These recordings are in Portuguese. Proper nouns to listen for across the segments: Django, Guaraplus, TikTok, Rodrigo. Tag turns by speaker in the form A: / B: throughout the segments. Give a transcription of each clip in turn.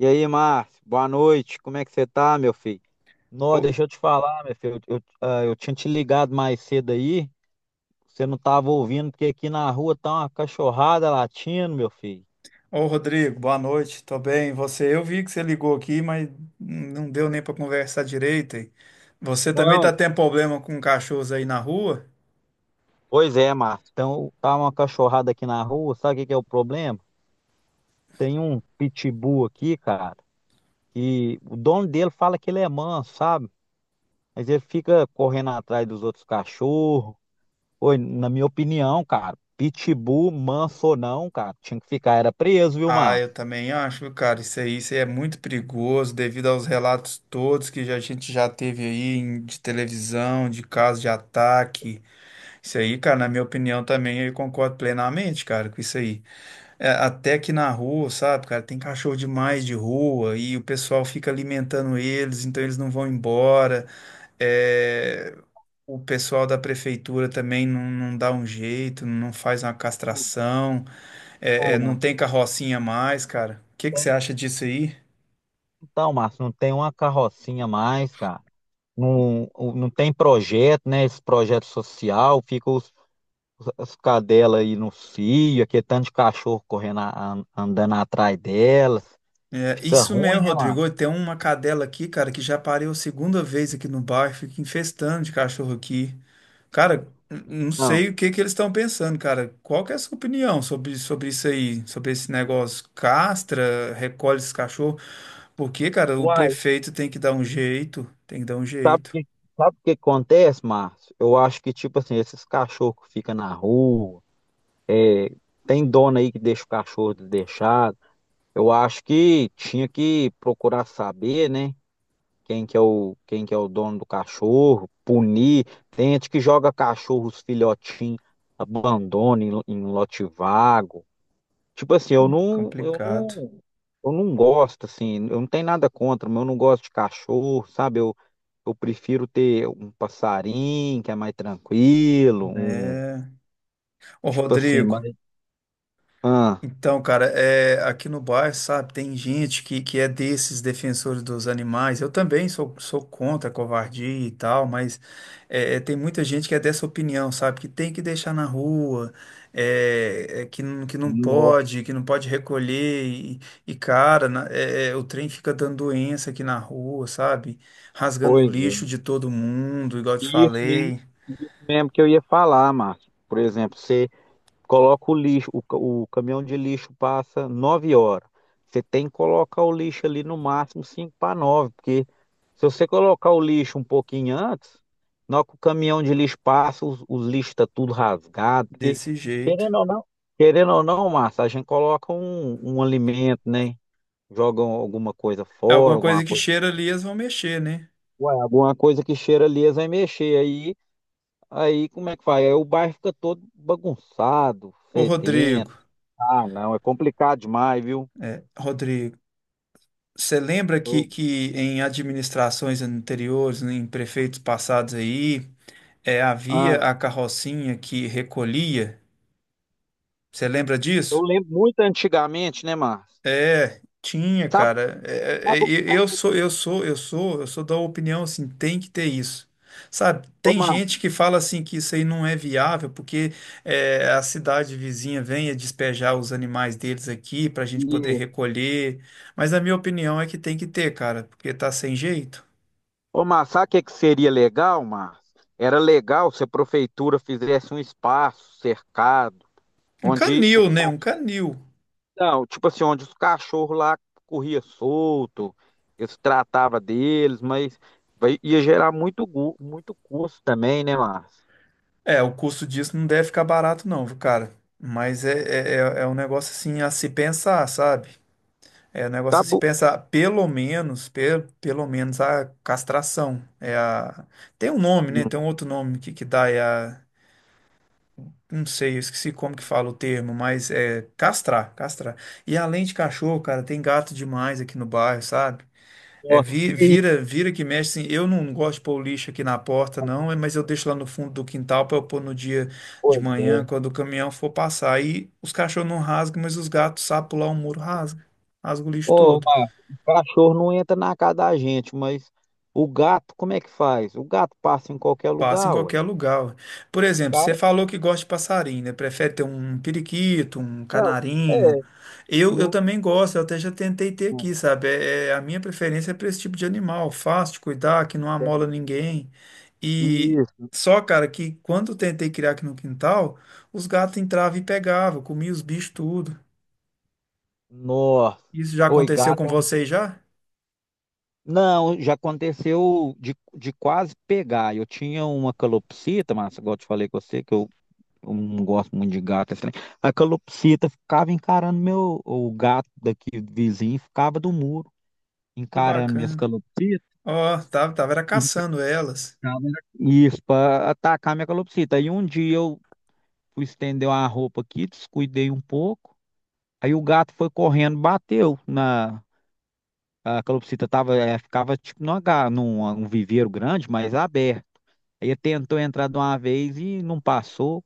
A: E aí, Márcio, boa noite. Como é que você tá, meu filho? Não,
B: Ô,
A: deixa eu te falar, meu filho. Eu tinha te ligado mais cedo aí, você não tava ouvindo, porque aqui na rua tá uma cachorrada latindo, meu filho.
B: ô, Rodrigo, boa noite, tô bem. E você, eu vi que você ligou aqui, mas não deu nem para conversar direito, hein? Você também tá
A: Não,
B: tendo problema com cachorros aí na rua?
A: pois é, Márcio. Então, tá uma cachorrada aqui na rua, sabe o que que é o problema? Tem um pitbull aqui, cara, que o dono dele fala que ele é manso, sabe? Mas ele fica correndo atrás dos outros cachorros. Oi, na minha opinião, cara, pitbull, manso ou não, cara, tinha que ficar, era preso, viu,
B: Ah, eu
A: Márcio?
B: também acho, viu, cara, isso aí é muito perigoso devido aos relatos todos que a gente já teve aí de televisão, de casos de ataque. Isso aí, cara, na minha opinião também, eu concordo plenamente, cara, com isso aí. É, até aqui na rua, sabe, cara, tem cachorro demais de rua e o pessoal fica alimentando eles, então eles não vão embora. É, o pessoal da prefeitura também não dá um jeito, não faz uma castração, é,
A: Não,
B: não
A: não.
B: tem carrocinha mais, cara. O que que você acha disso aí?
A: Então, Márcio, não tem uma carrocinha mais, cara. Não, não tem projeto, né? Esse projeto social, fica os, as cadelas aí no cio, aquele tanto de cachorro correndo, andando atrás delas.
B: É,
A: Fica
B: isso
A: ruim,
B: mesmo,
A: né, Márcio?
B: Rodrigo. Tem uma, cadela aqui, cara, que já pariu a segunda vez aqui no bairro, fica infestando de cachorro aqui. Cara, não
A: Não.
B: sei o que que eles estão pensando, cara. Qual que é a sua opinião sobre isso aí? Sobre esse negócio? Castra, recolhe esses cachorros? Porque, cara, o
A: Uai,
B: prefeito tem que dar um jeito. Tem que dar um
A: sabe o
B: jeito.
A: que, sabe o que acontece, Márcio? Eu acho que, tipo assim, esses cachorros que ficam na rua, é, tem dono aí que deixa o cachorro deixado. Eu acho que tinha que procurar saber, né? Quem que é o dono do cachorro, punir. Tem gente que joga cachorros filhotinhos, abandona em lote vago. Tipo assim, eu não, eu
B: Complicado,
A: não, eu não gosto, assim, eu não tenho nada contra, mas eu não gosto de cachorro, sabe? Eu prefiro ter um passarinho que é mais tranquilo, um,
B: né? Ô,
A: tipo assim,
B: Rodrigo.
A: mais. Ah,
B: Então, cara, é, aqui no bairro, sabe, tem gente que é desses defensores dos animais. Eu também sou contra a covardia e tal, mas é, tem muita gente que é dessa opinião, sabe, que tem que deixar na rua, que não pode, que não pode recolher. E, cara, o trem fica dando doença aqui na rua, sabe, rasgando o
A: pois é.
B: lixo de todo mundo, igual eu te
A: E isso mesmo,
B: falei,
A: isso mesmo que eu ia falar, Márcio. Por exemplo, você coloca o lixo, o caminhão de lixo passa 9 horas. Você tem que colocar o lixo ali no máximo 5 para as 9 porque se você colocar o lixo um pouquinho antes, na hora que o caminhão de lixo passa, os lixos estão tudo rasgado, porque
B: desse jeito.
A: querendo ou não, querendo ou não, Márcio, a gente coloca um alimento, né? Joga alguma coisa
B: É
A: fora,
B: alguma coisa
A: alguma
B: que
A: coisa,
B: cheira ali, eles vão mexer, né?
A: ué, alguma coisa que cheira ali, eles vai mexer. Aí como é que faz? Aí o bairro fica todo bagunçado,
B: Ô,
A: fedendo.
B: Rodrigo.
A: Ah, não, é complicado demais, viu?
B: É, Rodrigo, você lembra
A: Eu,
B: que em administrações anteriores, né, em prefeitos passados aí, é, havia
A: ah,
B: a carrocinha que recolhia? Você lembra
A: eu
B: disso?
A: lembro muito antigamente, né, Márcio?
B: É, tinha,
A: Sabe,
B: cara. É, é,
A: sabe, o-
B: é,
A: sabe, o
B: eu
A: que-
B: sou, eu sou, eu sou, eu sou da opinião assim, tem que ter isso. Sabe,
A: ô,
B: tem
A: Márcio,
B: gente que fala assim que isso aí não é viável porque é, a cidade vizinha vem a despejar os animais deles aqui para a gente poder
A: e-
B: recolher. Mas a minha opinião é que tem que ter, cara, porque tá sem jeito.
A: ô, Márcio, sabe o que que seria legal, Márcio? Era legal se a prefeitura fizesse um espaço cercado,
B: Um
A: onde
B: canil,
A: os
B: né? Um canil.
A: cachorros, tipo assim, onde os cachorros lá corriam solto, eles tratava deles, mas ia gerar muito custo também, né, Márcio?
B: É, o custo disso não deve ficar barato, não, viu, cara. Mas é um negócio assim a se pensar, sabe? É, o negócio
A: Tá
B: é se
A: bom.
B: pensar, pelo menos, pelo menos a castração. É a... Tem um nome, né? Tem um outro nome que dá, é a... Não sei, eu esqueci como que fala o termo, mas é castrar. E além de cachorro, cara, tem gato demais aqui no bairro, sabe? É,
A: Ó, e aí?
B: vira que mexe, assim, eu não gosto de pôr o lixo aqui na porta, não, é, mas eu deixo lá no fundo do quintal para eu pôr no dia de
A: Pois é.
B: manhã, quando o caminhão for passar. Aí os cachorros não rasgam, mas os gatos, sabem pular o muro, rasga o lixo
A: Ô,
B: todo.
A: Marcos, o cachorro não entra na casa da gente, mas o gato, como é que faz? O gato passa em qualquer
B: Passa em
A: lugar, ué. O
B: qualquer lugar, ué. Por exemplo, você
A: Cara,
B: falou que gosta de passarinho, né? Prefere ter um periquito, um
A: não,
B: canarinho.
A: é,
B: Eu
A: não,
B: também gosto, eu até já tentei ter
A: não
B: aqui, sabe? A minha preferência é para esse tipo de animal, fácil de cuidar, que não amola
A: tem.
B: ninguém. E
A: Isso.
B: só, cara, que quando eu tentei criar aqui no quintal, os gatos entravam e pegavam, comiam os bichos tudo.
A: Nossa.
B: Isso já
A: Oi,
B: aconteceu
A: gato
B: com
A: é um...
B: vocês já?
A: Não, já aconteceu de quase pegar. Eu tinha uma calopsita, mas igual eu te falei com você, que eu não gosto muito de gato. Assim. A calopsita ficava encarando meu, o gato daqui vizinho, ficava do muro.
B: Que
A: Encarando minhas
B: bacana.
A: calopsitas,
B: Ó, tava era caçando elas.
A: encarava isso, para atacar minha calopsita. Aí um dia eu fui estender uma roupa aqui, descuidei um pouco, aí o gato foi correndo, bateu na... A calopsita tava, ficava tipo num viveiro grande, mas aberto. Aí ele tentou entrar de uma vez e não passou,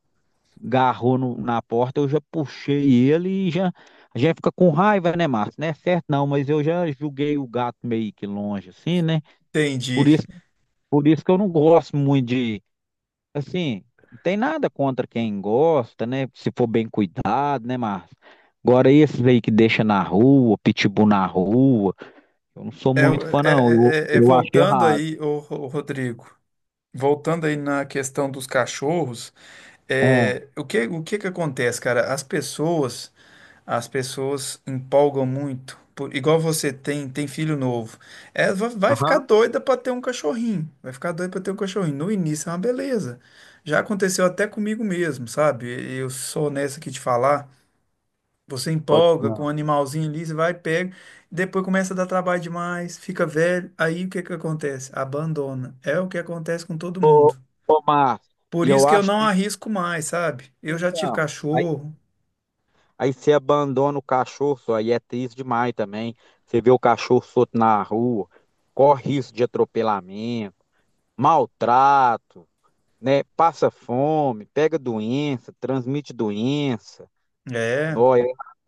A: garrou na porta, eu já puxei ele e já... A gente fica com raiva, né, Márcio? Não é certo não, mas eu já julguei o gato meio que longe, assim, né? Por
B: Entendi.
A: isso Por isso que eu não gosto muito de, assim, não tem nada contra quem gosta, né? Se for bem cuidado, né, Márcio? Agora esses aí que deixa na rua, pitbull na rua, eu não sou
B: É,
A: muito fã, não. Eu, eu acho
B: Voltando
A: errado.
B: aí, ô, Rodrigo, voltando aí na questão dos cachorros,
A: Ah,
B: é, o que que acontece, cara? As pessoas empolgam muito, igual você tem filho novo, é, vai ficar
A: aham,
B: doida para ter um cachorrinho, vai ficar doida para ter um cachorrinho. No início é uma beleza. Já aconteceu até comigo mesmo, sabe? Eu sou honesto aqui de falar. Você
A: pode.
B: empolga com o
A: Ah.
B: animalzinho ali, você vai, pega, depois começa a dar trabalho demais, fica velho, aí o que que acontece? Abandona. É o que acontece com todo
A: Ô,
B: mundo.
A: ô, Márcio,
B: Por
A: e eu
B: isso que eu
A: acho
B: não
A: triste,
B: arrisco mais, sabe? Eu já tive
A: então. Aí,
B: cachorro,
A: aí você abandona o cachorro, só, aí é triste demais também. Você vê o cachorro solto na rua, corre risco de atropelamento, maltrato, né? Passa fome, pega doença, transmite doença.
B: é.
A: Nó, é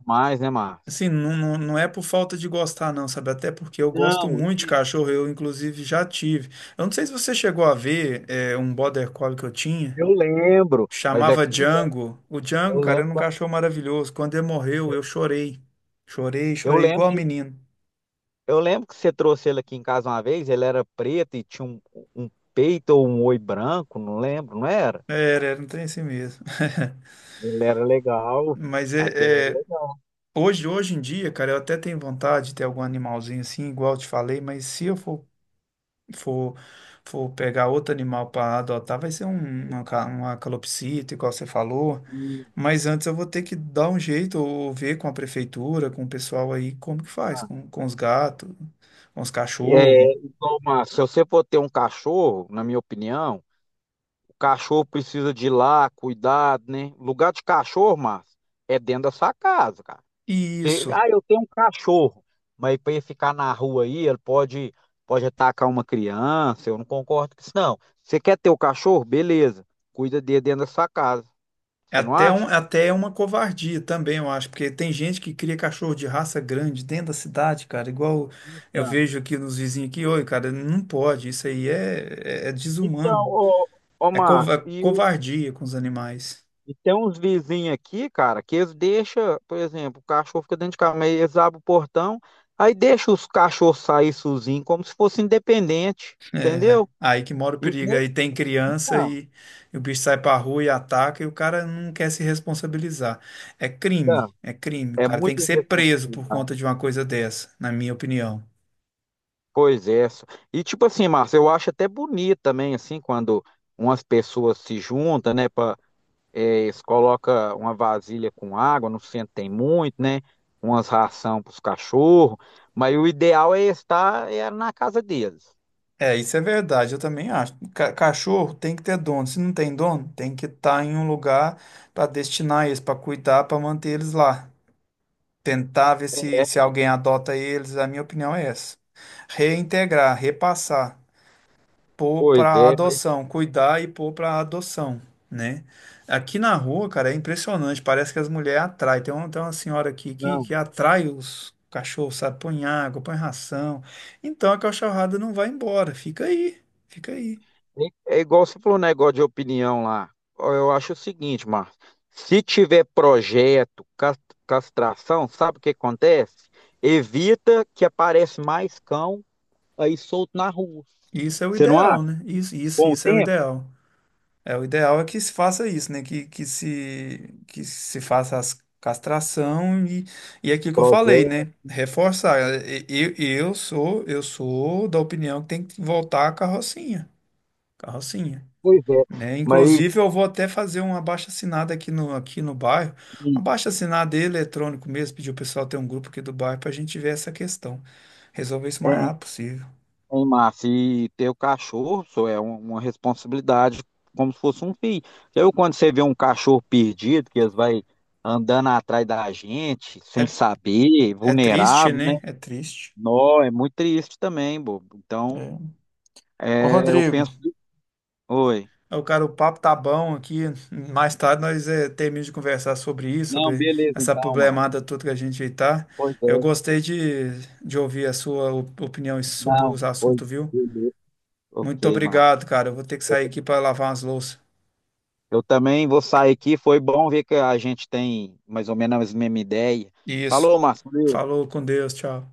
A: mais, né, Márcio?
B: Assim, não, não é por falta de gostar, não, sabe? Até porque eu gosto
A: Não,
B: muito de
A: isso,
B: cachorro, eu inclusive já tive. Eu não sei se você chegou a ver é, um border collie que eu tinha,
A: eu lembro, mas
B: chamava
A: aqui em casa,
B: Django. O
A: eu
B: Django, cara,
A: lembro,
B: era um
A: quando-
B: cachorro maravilhoso. Quando ele morreu, eu chorei.
A: eu
B: Chorei
A: lembro
B: igual
A: de,
B: menino.
A: eu lembro que você trouxe ele aqui em casa uma vez, ele era preto e tinha um peito ou um oi branco, não lembro, não era?
B: Era um trem assim mesmo.
A: Ele era legal,
B: Mas
A: aquele era legal.
B: hoje em dia, cara, eu até tenho vontade de ter algum animalzinho assim, igual eu te falei, mas se eu for, for pegar outro animal para adotar, vai ser uma calopsita, igual você falou.
A: E,
B: Mas antes eu vou ter que dar um jeito, ou ver com a prefeitura, com o pessoal aí, como que faz, com os gatos, com os cachorros.
A: Igual, Márcio, se você for ter um cachorro, na minha opinião, cachorro precisa de ir lá, cuidado, né? Lugar de cachorro, Márcio, é dentro da sua casa, cara.
B: Isso.
A: Eu tenho um cachorro, mas para ele ficar na rua aí, ele pode atacar uma criança. Eu não concordo com isso, não. Você quer ter o cachorro? Beleza. Cuida dele dentro da sua casa.
B: É
A: Você não
B: até,
A: acha?
B: até é uma covardia também, eu acho, porque tem gente que cria cachorro de raça grande dentro da cidade, cara, igual eu
A: Então,
B: vejo aqui nos vizinhos aqui, oi, cara, não pode, isso aí é desumano,
A: então, ô,
B: é
A: Márcio.
B: covardia com os animais.
A: E tem uns vizinhos aqui, cara, que eles deixam, por exemplo, o cachorro fica dentro de casa, mas eles abrem o portão, aí deixa os cachorros sair sozinhos, como se fosse independente, entendeu?
B: Aí que mora o
A: Isso
B: perigo,
A: nem
B: aí tem criança
A: Não,
B: e o bicho sai pra rua e ataca e o cara não quer se responsabilizar.
A: não.
B: É crime, o
A: É
B: cara tem
A: muita
B: que ser preso por
A: irresponsabilidade.
B: conta de uma coisa dessa, na minha opinião.
A: Pois é. E tipo assim, Márcio, eu acho até bonito também, assim, quando umas pessoas se juntam, né, para eles coloca uma vasilha com água, no centro tem muito, né, umas ração para os cachorros, mas o ideal é estar na casa deles.
B: É, isso é verdade, eu também acho. Cachorro tem que ter dono. Se não tem dono, tem que estar em um lugar para destinar eles, para cuidar, para manter eles lá. Tentar ver se alguém adota eles, a minha opinião é essa. Reintegrar, repassar pôr
A: Pois
B: para
A: é, mas
B: adoção, cuidar e pôr para adoção, né? Aqui na rua, cara, é impressionante, parece que as mulheres atraem. Tem uma senhora aqui
A: não.
B: que atrai os cachorros, sabe? Põe água, põe ração. Então a cachorrada não vai embora, fica aí.
A: É igual você falou um negócio de opinião lá. Ó, eu acho o seguinte, Márcio. Se tiver projeto, castração, sabe o que acontece? Evita que aparece mais cão aí solto na rua.
B: Isso é o
A: Você não
B: ideal,
A: acha?
B: né? Isso,
A: Com o
B: isso é o
A: tempo?
B: ideal. É, o ideal é que se faça isso, né? Que se faça as castração e é aquilo que eu falei,
A: Projeto,
B: né? Reforçar. Eu sou da opinião que tem que voltar a carrocinha,
A: pois é.
B: né?
A: Mas,
B: Inclusive, eu vou até fazer um abaixo-assinado aqui no bairro, um abaixo-assinado eletrônico mesmo, pedir o pessoal ter um grupo aqui do bairro para a gente ver essa questão, resolver isso o mais rápido possível.
A: Hein, Márcio, e ter o cachorro só é uma responsabilidade como se fosse um filho. Eu, quando você vê um cachorro perdido, que eles vai andando atrás da gente, sem
B: É,
A: saber,
B: é triste,
A: vulnerável, né?
B: né? É triste.
A: Nó, é muito triste também, bobo. Então,
B: É. Ô,
A: é, eu
B: Rodrigo.
A: penso. Oi.
B: Ô, cara, o papo tá bom aqui. Mais tarde nós terminamos de conversar sobre isso,
A: Não,
B: sobre
A: beleza,
B: essa
A: então, Márcio.
B: problemada toda que a gente aí tá.
A: Pois
B: Eu
A: é.
B: gostei de ouvir a sua opinião sobre
A: Não,
B: os
A: pois
B: assuntos, viu?
A: beleza.
B: Muito
A: Ok, Márcio.
B: obrigado, cara. Eu vou ter que sair aqui para lavar umas louças.
A: Eu também vou sair aqui. Foi bom ver que a gente tem mais ou menos a mesma ideia.
B: Isso.
A: Falou, Márcio.
B: Falou com Deus, tchau.